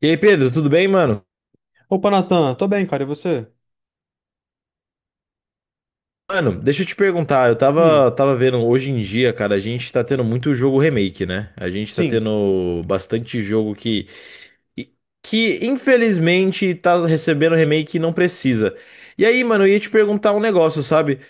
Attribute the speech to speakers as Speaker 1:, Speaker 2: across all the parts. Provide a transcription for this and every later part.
Speaker 1: E aí, Pedro, tudo bem, mano?
Speaker 2: Opa, Natan, tô bem, cara, e você?
Speaker 1: Mano, deixa eu te perguntar, eu
Speaker 2: Hum,
Speaker 1: tava, tava vendo hoje em dia, cara, a gente tá tendo muito jogo remake, né? A gente tá
Speaker 2: sim.
Speaker 1: tendo bastante jogo que infelizmente tá recebendo remake e não precisa. E aí, mano, eu ia te perguntar um negócio, sabe?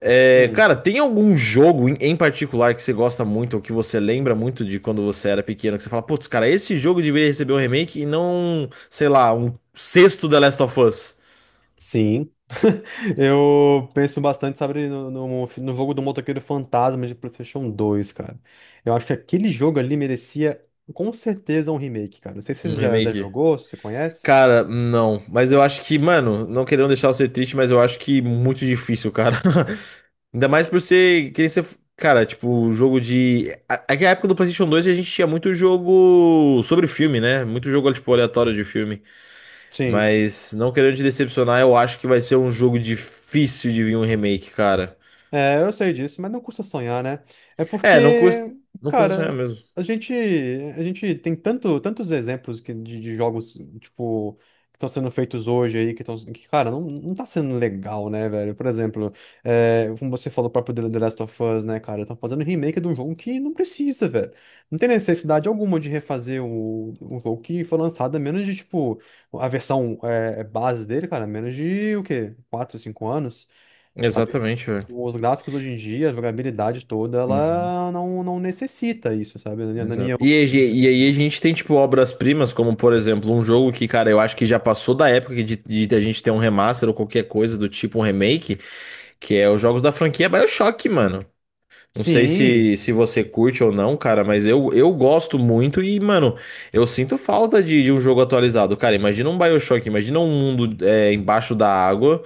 Speaker 1: É,
Speaker 2: Hum,
Speaker 1: cara, tem algum jogo em particular que você gosta muito ou que você lembra muito de quando você era pequeno, que você fala, putz, cara, esse jogo deveria receber um remake e não, sei lá, um sexto The Last of Us,
Speaker 2: sim. Eu penso bastante, sabe, no jogo do Motoqueiro Fantasma de PlayStation 2, cara. Eu acho que aquele jogo ali merecia, com certeza, um remake, cara. Não sei se
Speaker 1: um
Speaker 2: você já
Speaker 1: remake?
Speaker 2: jogou, se você conhece.
Speaker 1: Cara, não. Mas eu acho que, mano, não querendo deixar você triste, mas eu acho que muito difícil, cara. Ainda mais por ser, querer ser, cara, tipo, jogo de. Aquela época do PlayStation 2 a gente tinha muito jogo sobre filme, né? Muito jogo, tipo, aleatório de filme.
Speaker 2: Sim.
Speaker 1: Mas não querendo te decepcionar, eu acho que vai ser um jogo difícil de vir um remake, cara.
Speaker 2: É, eu sei disso, mas não custa sonhar, né? É
Speaker 1: É, não custa,
Speaker 2: porque,
Speaker 1: não custa sonhar
Speaker 2: cara,
Speaker 1: mesmo.
Speaker 2: a gente, a gente tem tanto, tantos exemplos que, de jogos, tipo, que estão sendo feitos hoje aí, que estão, que, cara, não tá sendo legal, né, velho? Por exemplo, como você falou, o próprio The Last of Us, né, cara? Estão fazendo remake de um jogo que não precisa, velho. Não tem necessidade alguma de refazer o jogo que foi lançado, a menos de, tipo, a versão base dele, cara, a menos de, o quê? Quatro, 5 anos? Sabe?
Speaker 1: Exatamente,
Speaker 2: Os gráficos hoje em dia, a jogabilidade toda,
Speaker 1: velho.
Speaker 2: ela não necessita isso, sabe? Na minha
Speaker 1: Exato. E, e aí a
Speaker 2: opinião.
Speaker 1: gente tem, tipo, obras-primas, como, por exemplo, um jogo que, cara, eu acho que já passou da época de a gente ter um remaster ou qualquer coisa do tipo, um remake, que é os jogos da franquia BioShock, mano. Não sei
Speaker 2: Sim.
Speaker 1: se você curte ou não, cara, mas eu gosto muito e, mano, eu sinto falta de um jogo atualizado. Cara, imagina um BioShock, imagina um mundo embaixo da água,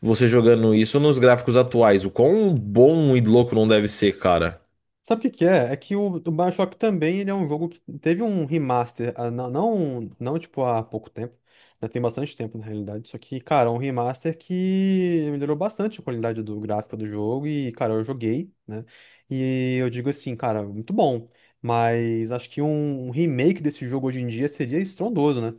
Speaker 1: você jogando isso nos gráficos atuais. O quão bom e louco não deve ser, cara.
Speaker 2: Sabe o que que é? É que o BioShock também ele é um jogo que teve um remaster, ah, não tipo há pouco tempo, já tem bastante tempo na realidade, só que, cara, é um remaster que melhorou bastante a qualidade do gráfico do jogo e, cara, eu joguei, né? E eu digo assim, cara, muito bom, mas acho que um remake desse jogo hoje em dia seria estrondoso, né?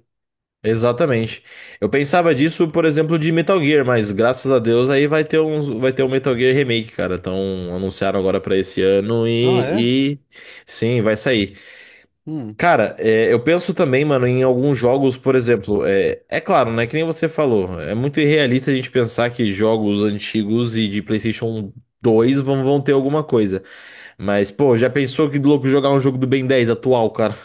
Speaker 1: Exatamente. Eu pensava disso, por exemplo, de Metal Gear, mas graças a Deus aí vai ter um Metal Gear Remake, cara. Então anunciaram agora pra esse ano
Speaker 2: Ah, é?
Speaker 1: sim, vai sair.
Speaker 2: Hum.
Speaker 1: Cara, eu penso também, mano, em alguns jogos, por exemplo, é claro, né? Que nem você falou, é muito irrealista a gente pensar que jogos antigos e de PlayStation 2 vão ter alguma coisa. Mas, pô, já pensou que louco jogar um jogo do Ben 10 atual, cara?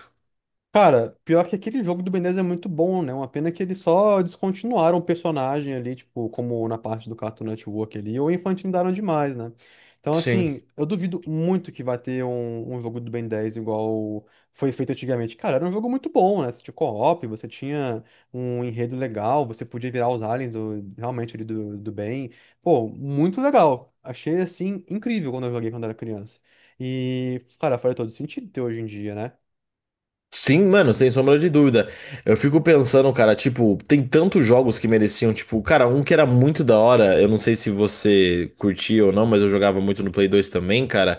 Speaker 2: Cara, pior que aquele jogo do Ben 10 é muito bom, né? Uma pena que eles só descontinuaram o personagem ali, tipo, como na parte do Cartoon Network ali, ou infantilizaram demais, né? Então,
Speaker 1: Sim.
Speaker 2: assim, eu duvido muito que vai ter um, um jogo do Ben 10 igual foi feito antigamente. Cara, era um jogo muito bom, né? Você tinha co-op, você tinha um enredo legal, você podia virar os aliens do- realmente ali do Ben. Pô, muito legal. Achei, assim, incrível quando eu joguei quando era criança. E, cara, faz todo sentido ter hoje em dia, né?
Speaker 1: Sim, mano, sem sombra de dúvida. Eu fico pensando, cara, tipo, tem tantos jogos que mereciam, tipo, cara, um que era muito da hora, eu não sei se você curtia ou não, mas eu jogava muito no Play 2 também, cara,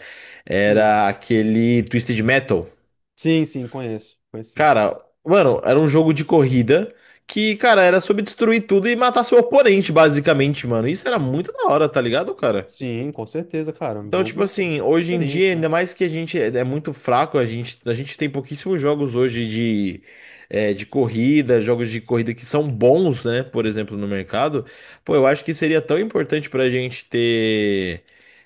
Speaker 2: Hum.
Speaker 1: era aquele Twisted Metal.
Speaker 2: Sim, sim, conheço. Conheço sim.
Speaker 1: Cara, mano, era um jogo de corrida que, cara, era sobre destruir tudo e matar seu oponente, basicamente, mano. Isso era
Speaker 2: Uhum.
Speaker 1: muito da hora, tá ligado, cara?
Speaker 2: Sim, com certeza, cara. É um
Speaker 1: Então, tipo
Speaker 2: jogo
Speaker 1: assim, hoje em dia,
Speaker 2: diferente, né?
Speaker 1: ainda mais que a gente é muito fraco, a gente tem pouquíssimos jogos hoje de corrida, jogos de corrida que são bons, né? Por exemplo, no mercado. Pô, eu acho que seria tão importante pra gente ter,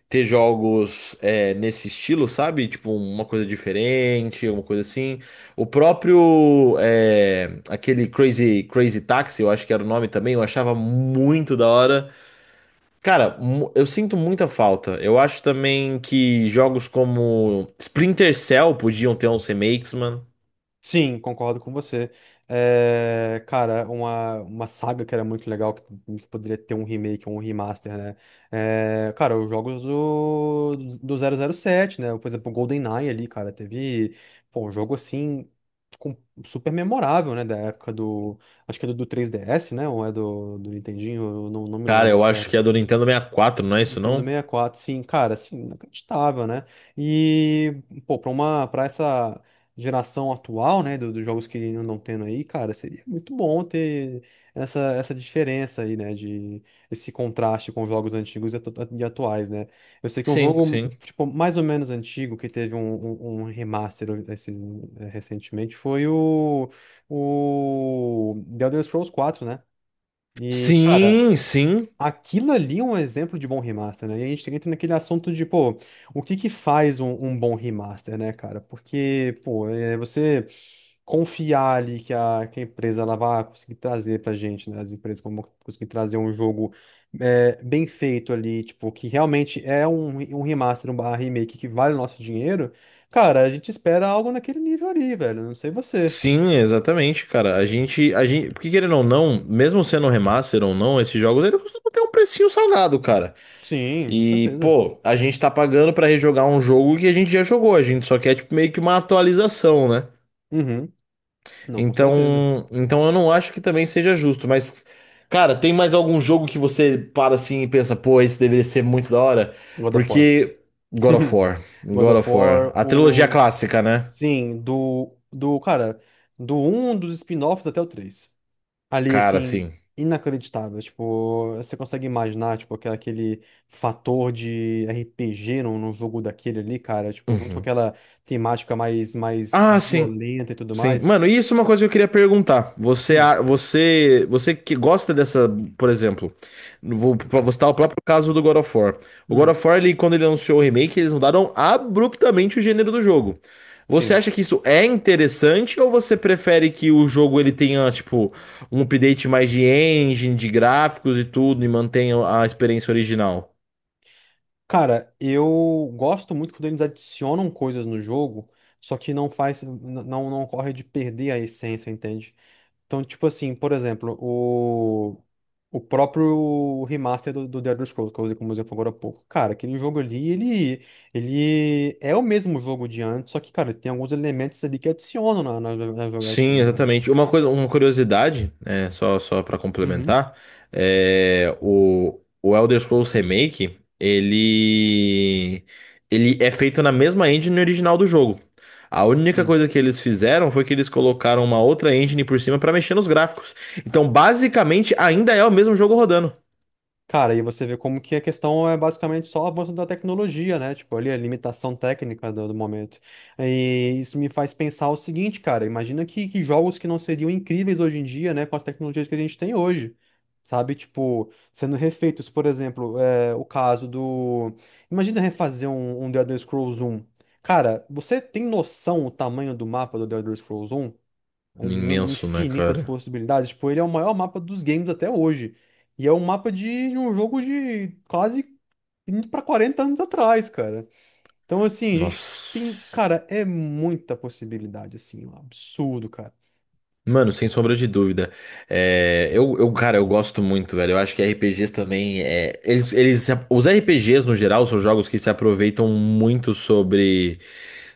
Speaker 1: ter jogos, nesse estilo, sabe? Tipo, uma coisa diferente, uma coisa assim. O próprio, aquele Crazy, Crazy Taxi, eu acho que era o nome também, eu achava muito da hora. Cara, eu sinto muita falta. Eu acho também que jogos como Splinter Cell podiam ter uns remakes, mano.
Speaker 2: Sim, concordo com você. É, cara, uma saga que era muito legal, que poderia ter um remake ou um remaster, né? É, cara, os jogos do 007, né? Por exemplo, o GoldenEye ali, cara, teve, pô, um jogo assim, com- super memorável, né? Da época do, acho que é do 3DS, né? Ou é do Nintendinho, eu não me
Speaker 1: Cara,
Speaker 2: lembro
Speaker 1: eu acho que
Speaker 2: certo.
Speaker 1: é do Nintendo 64, não é isso
Speaker 2: Nintendo
Speaker 1: não?
Speaker 2: sessenta e quatro sim, cara, assim, inacreditável, né? E, pô, pra uma, pra essa geração atual, né, do- dos jogos que andam tendo aí, cara, seria muito bom ter essa, essa diferença aí, né, de esse contraste com os jogos antigos e atu- e atuais, né? Eu sei que é um
Speaker 1: Sim,
Speaker 2: jogo,
Speaker 1: sim.
Speaker 2: tipo, mais ou menos antigo, que teve um, um, um remaster esses- eh, recentemente, foi o The Elder Scrolls 4, né? E, cara,
Speaker 1: Sim, sim.
Speaker 2: aquilo ali é um exemplo de bom remaster, né? E a gente entra naquele assunto de, pô, o que que faz um, um bom remaster, né, cara? Porque, pô, é você confiar ali que que a empresa ela vai conseguir trazer pra gente, né? As empresas vão conseguir trazer um jogo bem feito ali, tipo, que realmente é um, um remaster, um barra remake que vale o nosso dinheiro. Cara, a gente espera algo naquele nível ali, velho. Não sei você.
Speaker 1: Sim, exatamente, cara. A gente, porque querendo ou não, mesmo sendo um remaster ou não, esses jogos ainda costumam ter um precinho salgado, cara.
Speaker 2: Sim, com
Speaker 1: E,
Speaker 2: certeza.
Speaker 1: pô, a gente tá pagando pra rejogar um jogo que a gente já jogou, a gente só quer tipo meio que uma atualização, né?
Speaker 2: Uhum. Não, com certeza.
Speaker 1: Então eu não acho que também seja justo, mas cara, tem mais algum jogo que você para assim e pensa, pô, esse deveria ser muito da hora?
Speaker 2: God of War.
Speaker 1: Porque God of War,
Speaker 2: God
Speaker 1: God
Speaker 2: of
Speaker 1: of War,
Speaker 2: War,
Speaker 1: a trilogia
Speaker 2: o.
Speaker 1: clássica, né?
Speaker 2: Sim, do. Do, cara, do um dos spin-offs até o três. Ali,
Speaker 1: Cara,
Speaker 2: assim,
Speaker 1: sim.
Speaker 2: inacreditável. Tipo, você consegue imaginar, tipo, aquela- aquele fator de RPG num, num jogo daquele ali, cara. Tipo, junto com
Speaker 1: Uhum.
Speaker 2: aquela temática mais, mais
Speaker 1: Ah, sim.
Speaker 2: violenta e tudo
Speaker 1: Sim.
Speaker 2: mais.
Speaker 1: Mano, e isso é uma coisa que eu queria perguntar. Você,
Speaker 2: Hum,
Speaker 1: a- você, você que gosta dessa, por exemplo, vou citar o próprio caso do God of War. O God
Speaker 2: hum,
Speaker 1: of War, ele, quando ele anunciou o remake, eles mudaram abruptamente o gênero do jogo. Você
Speaker 2: sim.
Speaker 1: acha que isso é interessante ou você prefere que o jogo ele tenha, tipo, um update mais de engine, de gráficos e tudo, e mantenha a experiência original?
Speaker 2: Cara, eu gosto muito quando eles adicionam coisas no jogo, só que não faz, n- não corre de perder a essência, entende? Então, tipo assim, por exemplo, o próprio remaster do The Elder Scrolls, que eu usei como exemplo agora há pouco. Cara, aquele jogo ali, ele é o mesmo jogo de antes, só que, cara, tem alguns elementos ali que adicionam na
Speaker 1: Sim,
Speaker 2: jogatina.
Speaker 1: exatamente. Uma coisa, uma curiosidade, só para
Speaker 2: Uhum.
Speaker 1: complementar, o Elder Scrolls Remake, ele é feito na mesma engine original do jogo. A única
Speaker 2: Hum.
Speaker 1: coisa que eles fizeram foi que eles colocaram uma outra engine por cima para mexer nos gráficos. Então, basicamente, ainda é o mesmo jogo rodando.
Speaker 2: Cara, e você vê como que a questão é basicamente só o avanço da tecnologia, né? Tipo, ali a limitação técnica do momento. E isso me faz pensar o seguinte, cara, imagina que jogos que não seriam incríveis hoje em dia, né, com as tecnologias que a gente tem hoje, sabe? Tipo, sendo refeitos, por exemplo, é, o caso do... Imagina refazer um, um The Elder Scrolls 1. Cara, você tem noção o tamanho do mapa do The Elder Scrolls 1? As inu-
Speaker 1: Imenso, né,
Speaker 2: infinitas
Speaker 1: cara?
Speaker 2: possibilidades. Tipo, ele é o maior mapa dos games até hoje. E é um mapa de um jogo de quase indo pra 40 anos atrás, cara. Então, assim, a gente tem.
Speaker 1: Nossa.
Speaker 2: Cara, é muita possibilidade, assim. Um absurdo, cara.
Speaker 1: Mano, sem sombra de dúvida. É, eu, cara, eu gosto muito, velho. Eu acho que RPGs também. É, eles, se ap- os RPGs, no geral, são jogos que se aproveitam muito sobre,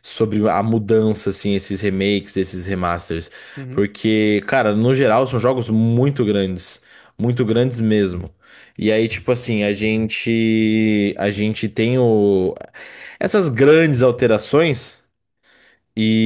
Speaker 1: sobre a mudança, assim, esses remakes, esses remasters.
Speaker 2: Uhum,
Speaker 1: Porque, cara, no geral, são jogos muito grandes. Muito grandes mesmo. E aí, tipo assim, A gente tem o. Essas grandes alterações.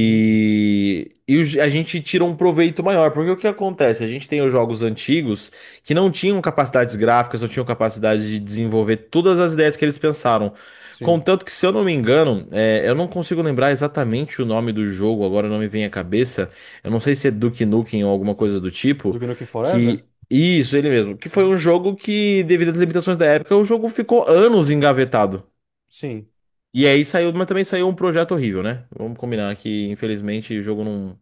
Speaker 2: uhum,
Speaker 1: e os- a gente tira um proveito maior, porque o que acontece? A gente tem os jogos antigos que não tinham capacidades gráficas, não tinham capacidade de desenvolver todas as ideias que eles pensaram.
Speaker 2: sim.
Speaker 1: Contanto que, se eu não me engano, eu não consigo lembrar exatamente o nome do jogo, agora não me vem à cabeça. Eu não sei se é Duke Nukem ou alguma coisa do
Speaker 2: Do
Speaker 1: tipo,
Speaker 2: Gnuken
Speaker 1: que.
Speaker 2: Forever?
Speaker 1: Isso, ele mesmo. Que foi
Speaker 2: Uhum,
Speaker 1: um jogo que, devido às limitações da época, o jogo ficou anos engavetado.
Speaker 2: sim.
Speaker 1: E aí saiu, mas também saiu um projeto horrível, né? Vamos combinar que, infelizmente, o jogo não,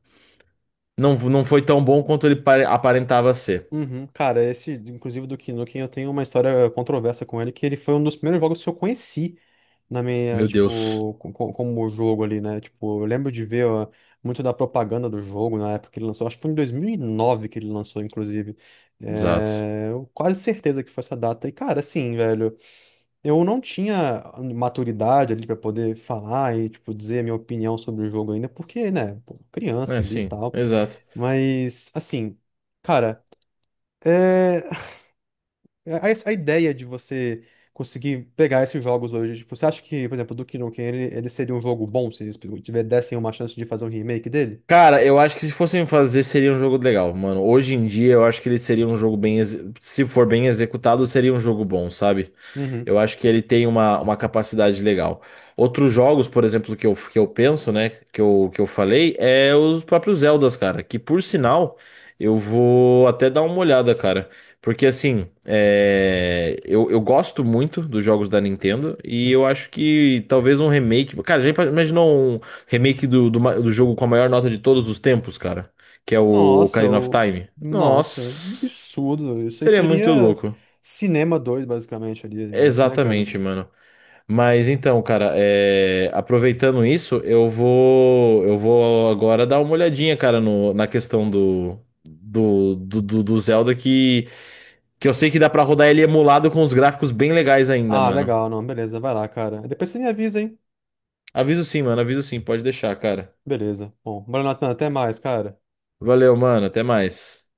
Speaker 1: não, não foi tão bom quanto ele aparentava ser.
Speaker 2: Uhum. Cara, esse, inclusive, do Gnuken, eu tenho uma história controversa com ele, que ele foi um dos primeiros jogos que eu conheci na minha,
Speaker 1: Meu Deus.
Speaker 2: tipo, co- co- como o jogo ali, né? Tipo, eu lembro de ver ó, muito da propaganda do jogo na época que ele lançou. Acho que foi em 2009 que ele lançou, inclusive.
Speaker 1: Exato.
Speaker 2: É, eu quase certeza que foi essa data. E, cara, assim, velho, eu não tinha maturidade ali pra poder falar e, tipo, dizer a minha opinião sobre o jogo ainda, porque, né, pô, criança
Speaker 1: É,
Speaker 2: ali e
Speaker 1: sim,
Speaker 2: tal.
Speaker 1: exato.
Speaker 2: Mas, assim, cara. É, a, a ideia de você conseguir pegar esses jogos hoje, tipo, você acha que, por exemplo, do Duke Nukem, ele seria um jogo bom se eles tiver- dessem uma chance de fazer um remake dele?
Speaker 1: Cara, eu acho que se fossem fazer, seria um jogo legal, mano. Hoje em dia, eu acho que ele seria um jogo bem. Se for bem executado, seria um jogo bom, sabe?
Speaker 2: Uhum.
Speaker 1: Eu acho que ele tem uma capacidade legal. Outros jogos, por exemplo, que eu penso, né? Que eu falei, é os próprios Zeldas, cara. Que por sinal, eu vou até dar uma olhada, cara. Porque assim, eu gosto muito dos jogos da Nintendo e eu
Speaker 2: Uhum.
Speaker 1: acho que talvez um remake. Cara, já imaginou um. Remake do jogo com a maior nota de todos os tempos, cara. Que é o
Speaker 2: Nossa,
Speaker 1: Ocarina of
Speaker 2: o...
Speaker 1: Time.
Speaker 2: Nossa,
Speaker 1: Nossa,
Speaker 2: absurdo. Isso aí
Speaker 1: seria muito
Speaker 2: seria
Speaker 1: louco.
Speaker 2: Cinema 2 basicamente, ali, esse negócio, né, cara?
Speaker 1: Exatamente, mano. Mas então, cara, aproveitando isso, eu vou agora dar uma olhadinha, cara, no, na questão do Zelda que eu sei que dá pra rodar ele emulado com os gráficos bem legais ainda,
Speaker 2: Ah,
Speaker 1: mano.
Speaker 2: legal, não, beleza, vai lá, cara. Depois você me avisa, hein?
Speaker 1: Aviso sim, mano, aviso sim, pode deixar, cara.
Speaker 2: Beleza. Bom, bora, até mais, cara.
Speaker 1: Valeu, mano, até mais.